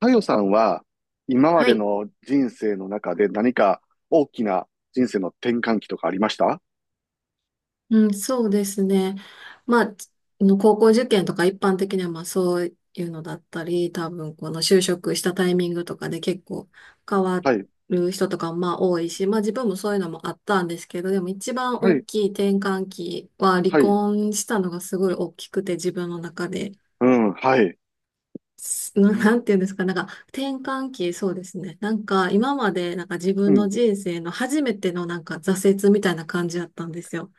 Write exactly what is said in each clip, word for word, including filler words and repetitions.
かよさんは、今まはでい。の人生の中で何か大きな人生の転換期とかありました？うん、そうですね。まあ、つあの高校受験とか一般的にはまあそういうのだったり、多分この就職したタイミングとかで結構変わはい、る人とかもまあ多いし、まあ自分もそういうのもあったんですけど、でも一番は大い、きい転換期は離はい、婚したのがすごい大きくて自分の中で。うん、はい、すうな ん、なんていうんですか、なんか転換期、そうですね。なんか今までなんか自う分のん、人生の初めてのなんか挫折みたいな感じだったんですよ。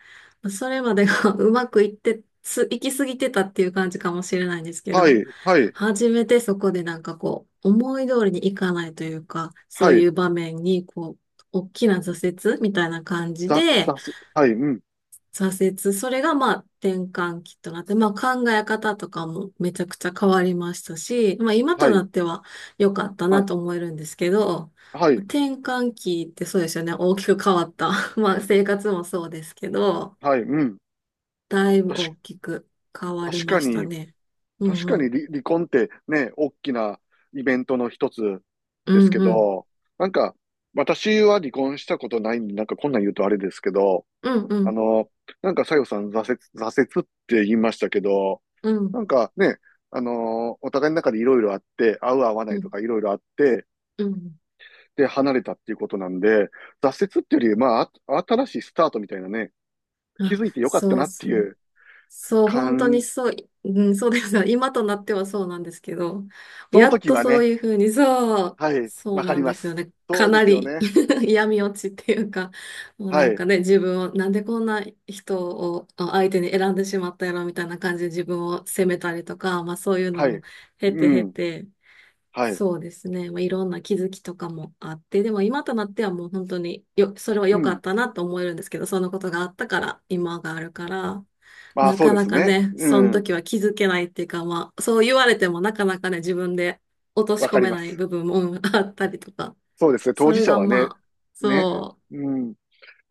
それまでが うまくいって、す、行き過ぎてたっていう感じかもしれないんですけはど、い、はい、初めてそこでなんかこう、思い通りにいかないというか、そはうい、いう場面にこう、大きな挫折みたいな感じざ、で、ざ、はい、うん、挫折。それがまあ転換期となって、まあ考え方とかもめちゃくちゃ変わりましたし、まあ今とはい、なっては良かったはない、と思えるんですけど、はい、転換期ってそうですよね。大きく変わった。まあ生活もそうですけど、はい、うん。だいぶ確大か、きく変わり確かましたに、ね。うん確かうにん。離、離婚ってね、大きなイベントの一つうですんけうん。ど、なんか、私は離婚したことないんで、なんかこんなん言うとあれですけど、うんうあん。の、なんか、さよさん、挫折、挫折って言いましたけど、うなんんかね、あの、お互いの中でいろいろあって、合う合わなういとん。かいろいろあって、うん。で、離れたっていうことなんで、挫折っていうより、まあ、あ新しいスタートみたいなね、気あ、づいてよかったそなうってそいう。うそう、本当に感、そう、うん、そうですね。今となってはそうなんですけど、そのやっ時とはそうね、いうふうに、そう、はい、そわうかなりんまですよす。ね。そかうでなすより ね。嫌味落ちっていうか、もうなはんい、かね、自分を、なんでこんな人をあ相手に選んでしまったやろみたいな感じで自分を責めたりとか、まあそういうのはもい、経てう経ん、て、はい、そうですね。まあ、いろんな気づきとかもあって、でも今となってはもう本当によ、それはう良かん。ったなと思えるんですけど、そのことがあったから今があるから、まあ、なそうかでなすかね。ね、そうのん、時は気づけないっていうか、まあ、そう言われてもなかなかね、自分で落としわか込りめまないす。部分もうんあったりとか、そうですね。当そ事れ者がはね、まあ、ね、そうん、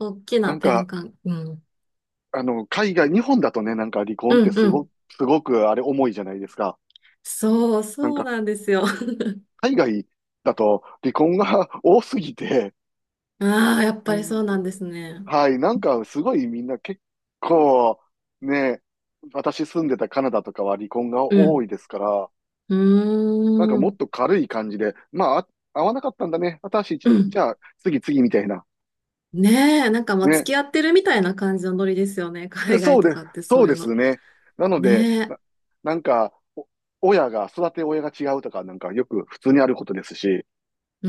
う、大きななん転か、換、うん。あの、海外、日本だとね、なんか離婚ってうんすうご、ん。すごくあれ重いじゃないですか。そう、なんそうなか、んですよ。海外だと離婚が 多すぎて、ああ、やっうぱりそうん、なんですね。はい、なんかすごいみんな結構、ね、私住んでたカナダとかは離婚うが多ん。いですから、うなんかーもっん。と軽い感じで、まあ、あ合わなかったんだね。私、うじん。ゃあ次次みたいな。ねえ、なんかまあ付ね、き合ってるみたいな感じのノリですよね。海外そうとです、かってそそうういうですの。ね。なので、ねな、え。なんか、お親が、育て親が違うとか、なんかよく普通にあることですし、う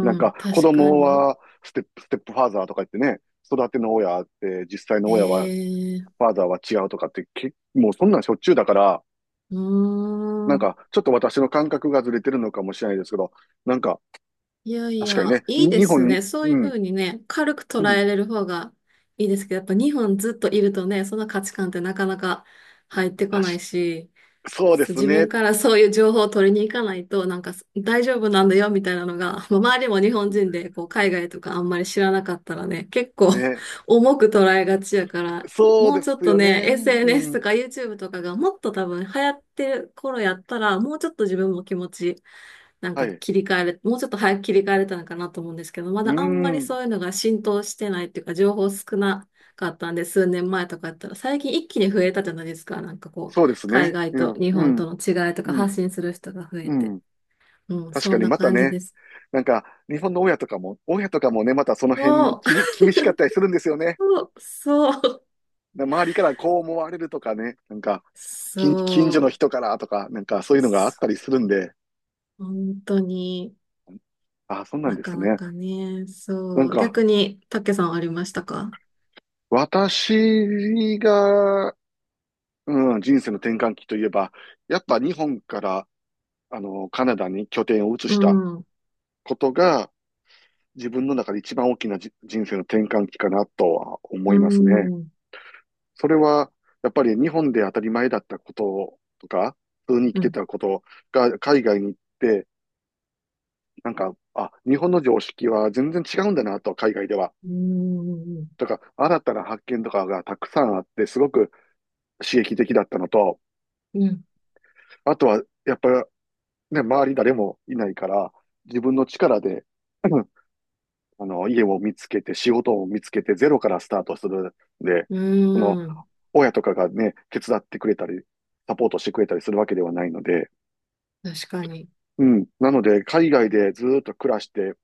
なんん、か子確か供に。はステップ、ステップファーザーとか言ってね、育ての親って、実際のえ親は、え、うファーザーは違うとかって、け、もうそんなんしょっちゅうだから、ーなんん。かちょっと私の感覚がずれてるのかもしれないですけど、なんかいやい確かにや、ね、いいにで日本すに、ね。そういううふん、うにね、軽くう捉ん、えれる方がいいですけど、やっぱ日本ずっといるとね、その価値観ってなかなか入ってこ確ないし、そうでそうす自分ね、からそういう情報を取りに行かないと、なんかす大丈夫なんだよみたいなのが、まあ周りも日本人でこう海外とかあんまり知らなかったらね、結構 ね、重く捉えがちやから、そうもでうちすょっとよね、ね、う エスエヌエス とん、か YouTube とかがもっと多分流行ってる頃やったら、もうちょっと自分も気持ち、なんはかい、切り替えれ、もうちょっと早く切り替えれたのかなと思うんですけど、まうだあんまりん、そういうのが浸透してないっていうか、情報少なかったんで、数年前とかやったら、最近一気に増えたじゃないですか、なんかこう。そうです海ね。外うとん、日う本ん、との違いとかうん、発信する人が増えうて。ん。うん、確そかんになまた感じね、です。なんか、日本の親とかも、親とかもね、またその辺にそ気に、厳しかったりするんですよね。う、そう、な周りからこう思われるとかね、なんか、近、近所そのう、人からとか、なんかそういうのがあったそりするんで、う、本当にあ、そうなんなですかなね。かね、なんそう。か、逆に、たけさんありましたか？私が、うん、人生の転換期といえば、やっぱ日本から、あの、カナダに拠点を移うしたん、うん、ことが、自分の中で一番大きなじ人生の転換期かなとはう思いますね。ん、それは、やっぱり日本で当たり前だったこととか、普通に生きうてん、たことが海外に行って、なんか、あ、日本の常識は全然違うんだなと、海外では。うん、とか、新たな発見とかがたくさんあって、すごく刺激的だったのと、うん、あとは、やっぱりね、周り誰もいないから、自分の力で、うん、あの、家を見つけて、仕事を見つけて、ゼロからスタートするんで、うその、ん、親とかがね、手伝ってくれたり、サポートしてくれたりするわけではないので、確かに、うん。なので、海外でずーっと暮らして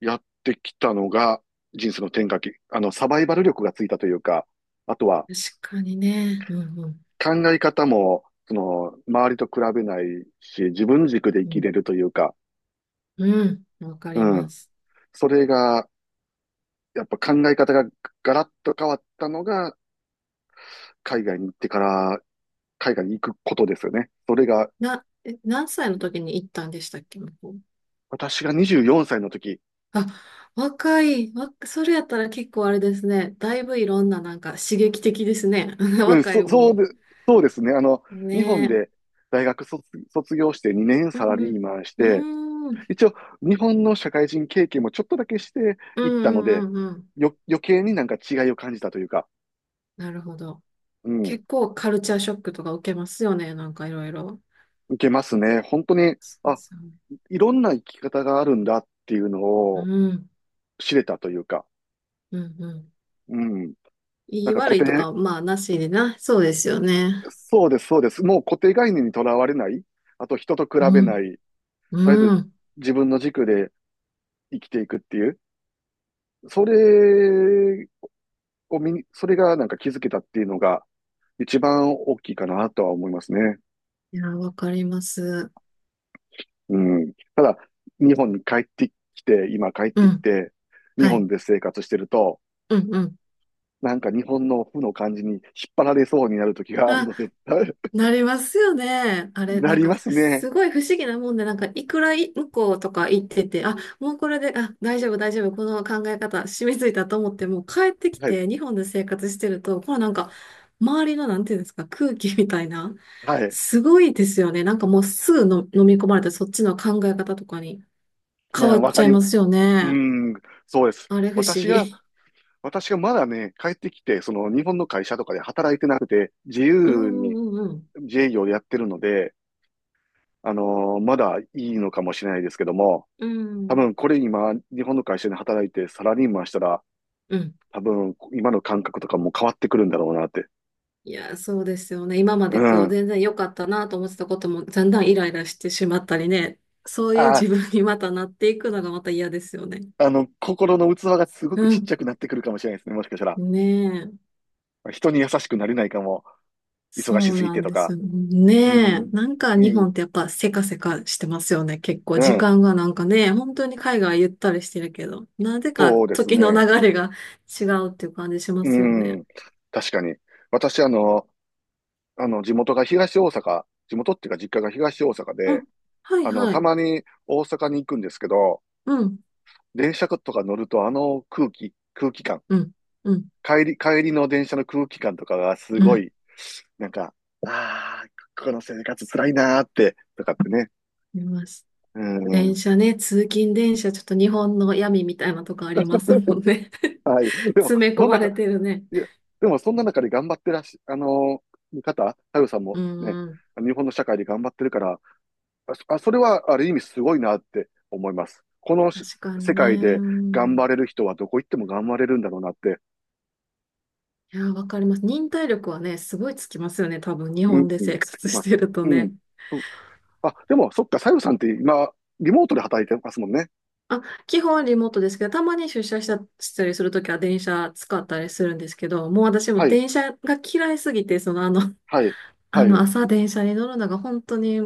やってきたのが、人生の転換期、あの、サバイバル力がついたというか、あとは確かにね、うん、うん、考え方も、その、周りと比べないし、自分軸で生うきん、れるというか、うんわかうりまん。す。それが、やっぱ考え方がガラッと変わったのが、海外に行ってから、海外に行くことですよね。それが、な、え、何歳の時に行ったんでしたっけ、向こう。私がにじゅうよんさいの時、あ、若い、わ、それやったら結構あれですね。だいぶいろんななんか刺激的ですね。うん、若いそ、そうで、分。そうですね。あの、日本ねで大学卒、卒業してにねんえ。サうラんうリーん。マンして、うーん。一応日本の社会人経験もちょっとだけしてういったんうので、んうんうん。よ、余計になんか違いを感じたというか、なるほど。うん、結構カルチャーショックとか受けますよね。なんかいろいろ。いけますね。本当に、そうであ、すよね。いろんな生き方があるんだっていうのうをん。知れたというか、うんうん。うん、いなんいか固悪いと定、か、まあなしでな。そうですよね。そうです、そうです。もう固定概念にとらわれない、あと人と比べうなん。い、とりあえうずん。自分の軸で生きていくっていう、それを見に、それがなんか気づけたっていうのが一番大きいかなとは思いますね。いや、わかります。うん。日本に帰ってきて、今帰っうてきん。て、日はい。本で生活してると、うんうん。なんか日本の負の感じに引っ張られそうになる時があるあ、ので、なりますよね。あれ、ななんりか、ますね。すごい不思議なもんで、なんか、いくらい向こうとか行ってて、あ、もうこれで、あ、大丈夫、大丈夫、この考え方、染みついたと思って、もう帰ってきはい。て、日本で生活してると、このなんか、周りの、なんていうんですか、空気みたいな、はい。すごいですよね。なんかもうすぐの飲み込まれて、そっちの考え方とかにう変わん、っわちかゃいりまます。すようね。ん、そうです。あれ、不思私が、議。私がまだね、帰ってきて、その日本の会社とかで働いてなくて、自うん由にうんうん自営業でやってるので、あのーまだいいのかもしれないですけども、うん。う多ん。分これ今、日本の会社で働いてサラリーマンしたら、うん。多分今の感覚とかも変わってくるんだろうなって。いや、そうですよね。今まうでこう、ん。全然良かったなと思ってたことも、だんだんイライラしてしまったりね。そういうあ、自分にまたなっていくのがまた嫌ですよね。あの、心の器がすごうくちっちん。ゃくなってくるかもしれないですね、もしかしたら。ねえ。人に優しくなれないかも。忙しそうすぎなてんとですか。よ。ねうえ。ん。なんかう日本ん。ってやっぱせかせかしてますよね。結構う時ん。間がなんかね、本当に海外ゆったりしてるけど、なぜそかうです時の流ね。れが違うっていう感じしまうすよね。ん。確かに。私、あの、あの、地元が東大阪、地元っていうか実家が東大阪うん。で、はいあの、はたい。まに大阪に行くんですけど、うん。電車とか乗るとあの空気、空気感、うん。うん。帰り、帰りの電車の空気感とかがすうごん。い、なんか、ああ、この生活辛いなーって、とかってね。見ました。う電ん。車ね、通勤電車、ちょっと日本の闇みたいなとこありますも んね。はい。でも、詰め込そんまなか、れてるね。いや、でもそんな中で頑張ってらっし、あのー方、太陽さんうもね、んうん。日本の社会で頑張ってるから、あ、そあそれはある意味すごいなって思います。このし確かに世ね。界でう頑張ん、れる人はどこ行っても頑張れるんだろうなって、いや、わかります。忍耐力はね、すごいつきますよね。多分、日うん、本でうん、生つ活きしまてす。るとうん。ね。あ、でも、そっか、さゆさんって今、リモートで働いてますもんね。あ、基本リモートですけど、たまに出社したしたりするときは電車使ったりするんですけど、もう私もはい、電車が嫌いすぎて、そのあの、はい、あはの、い、朝電車に乗るのが本当に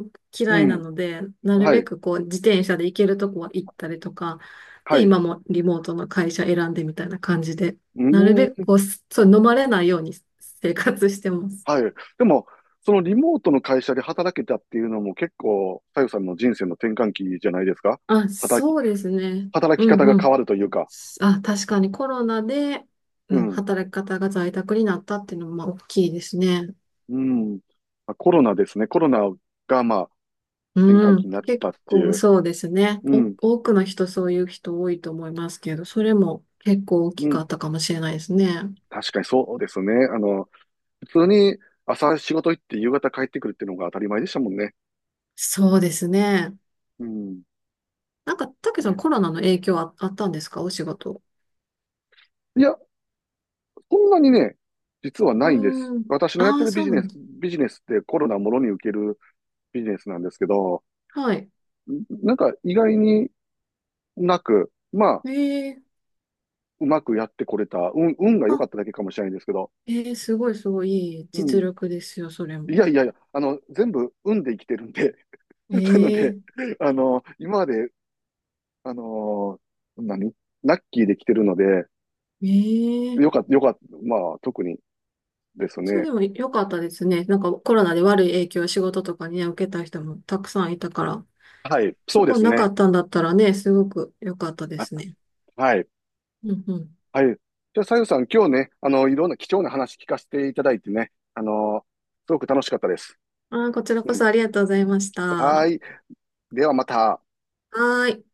う嫌いなん、ので、なるはべい、くこう、自転車で行けるとこは行ったりとか、はで、い、う今もリモートの会社選んでみたいな感じで、ーなるべくん、こう、すそう、飲まれないように生活してます。はい。でも、そのリモートの会社で働けたっていうのも結構、さゆさんの人生の転換期じゃないですか？あ、働き、そうですね。働きうん方がう変ん。わるというか。あ、確かにコロナで、ううん、ん、働き方が在宅になったっていうのもまあ大きいですね。うん。まあコロナですね。コロナが、まあ、転換う期ん、になっ結たって構いう。そうですね。うお、ん、多くの人そういう人多いと思いますけど、それも結構大うきかん。ったかもしれないですね。確かにそうですね。あの、普通に朝仕事行って夕方帰ってくるっていうのが当たり前でしたもんね。そうですね。うん。なんか、たけさんね。コロナの影響あ、あったんですかお仕事。いや、そんなにね、実はないんです。うーん。私のやっあてあ、るビそうジなネんス、です。ビジネスってコロナもろに受けるビジネスなんですけど、はい。なんか意外になく、まあ、ええ、うまくやってこれた、運、運が良かっあ、ただけかもしれないんですけど、ええ、すごいすごいいいう実ん。力ですよ、それいも。やいやいや、あの、全部運で生きてるんで、なので、ええあの、今まで、あの何ラッキーで来てるので、えよえかった、よかった、まあ、特にですそれね。でも良かったですね。なんかコロナで悪い影響を仕事とかにね、受けた人もたくさんいたから、はい、そそうでこすなかね。ったんだったらね、すごく良かったであ、すね。はい。うんうん。はい。じゃあ、さゆさん、今日ね、あの、いろんな貴重な話聞かせていただいてね、あの、すごく楽しかったです。あー、こちらうこん。そありがとうございました。ははーい。ではまた。ーい。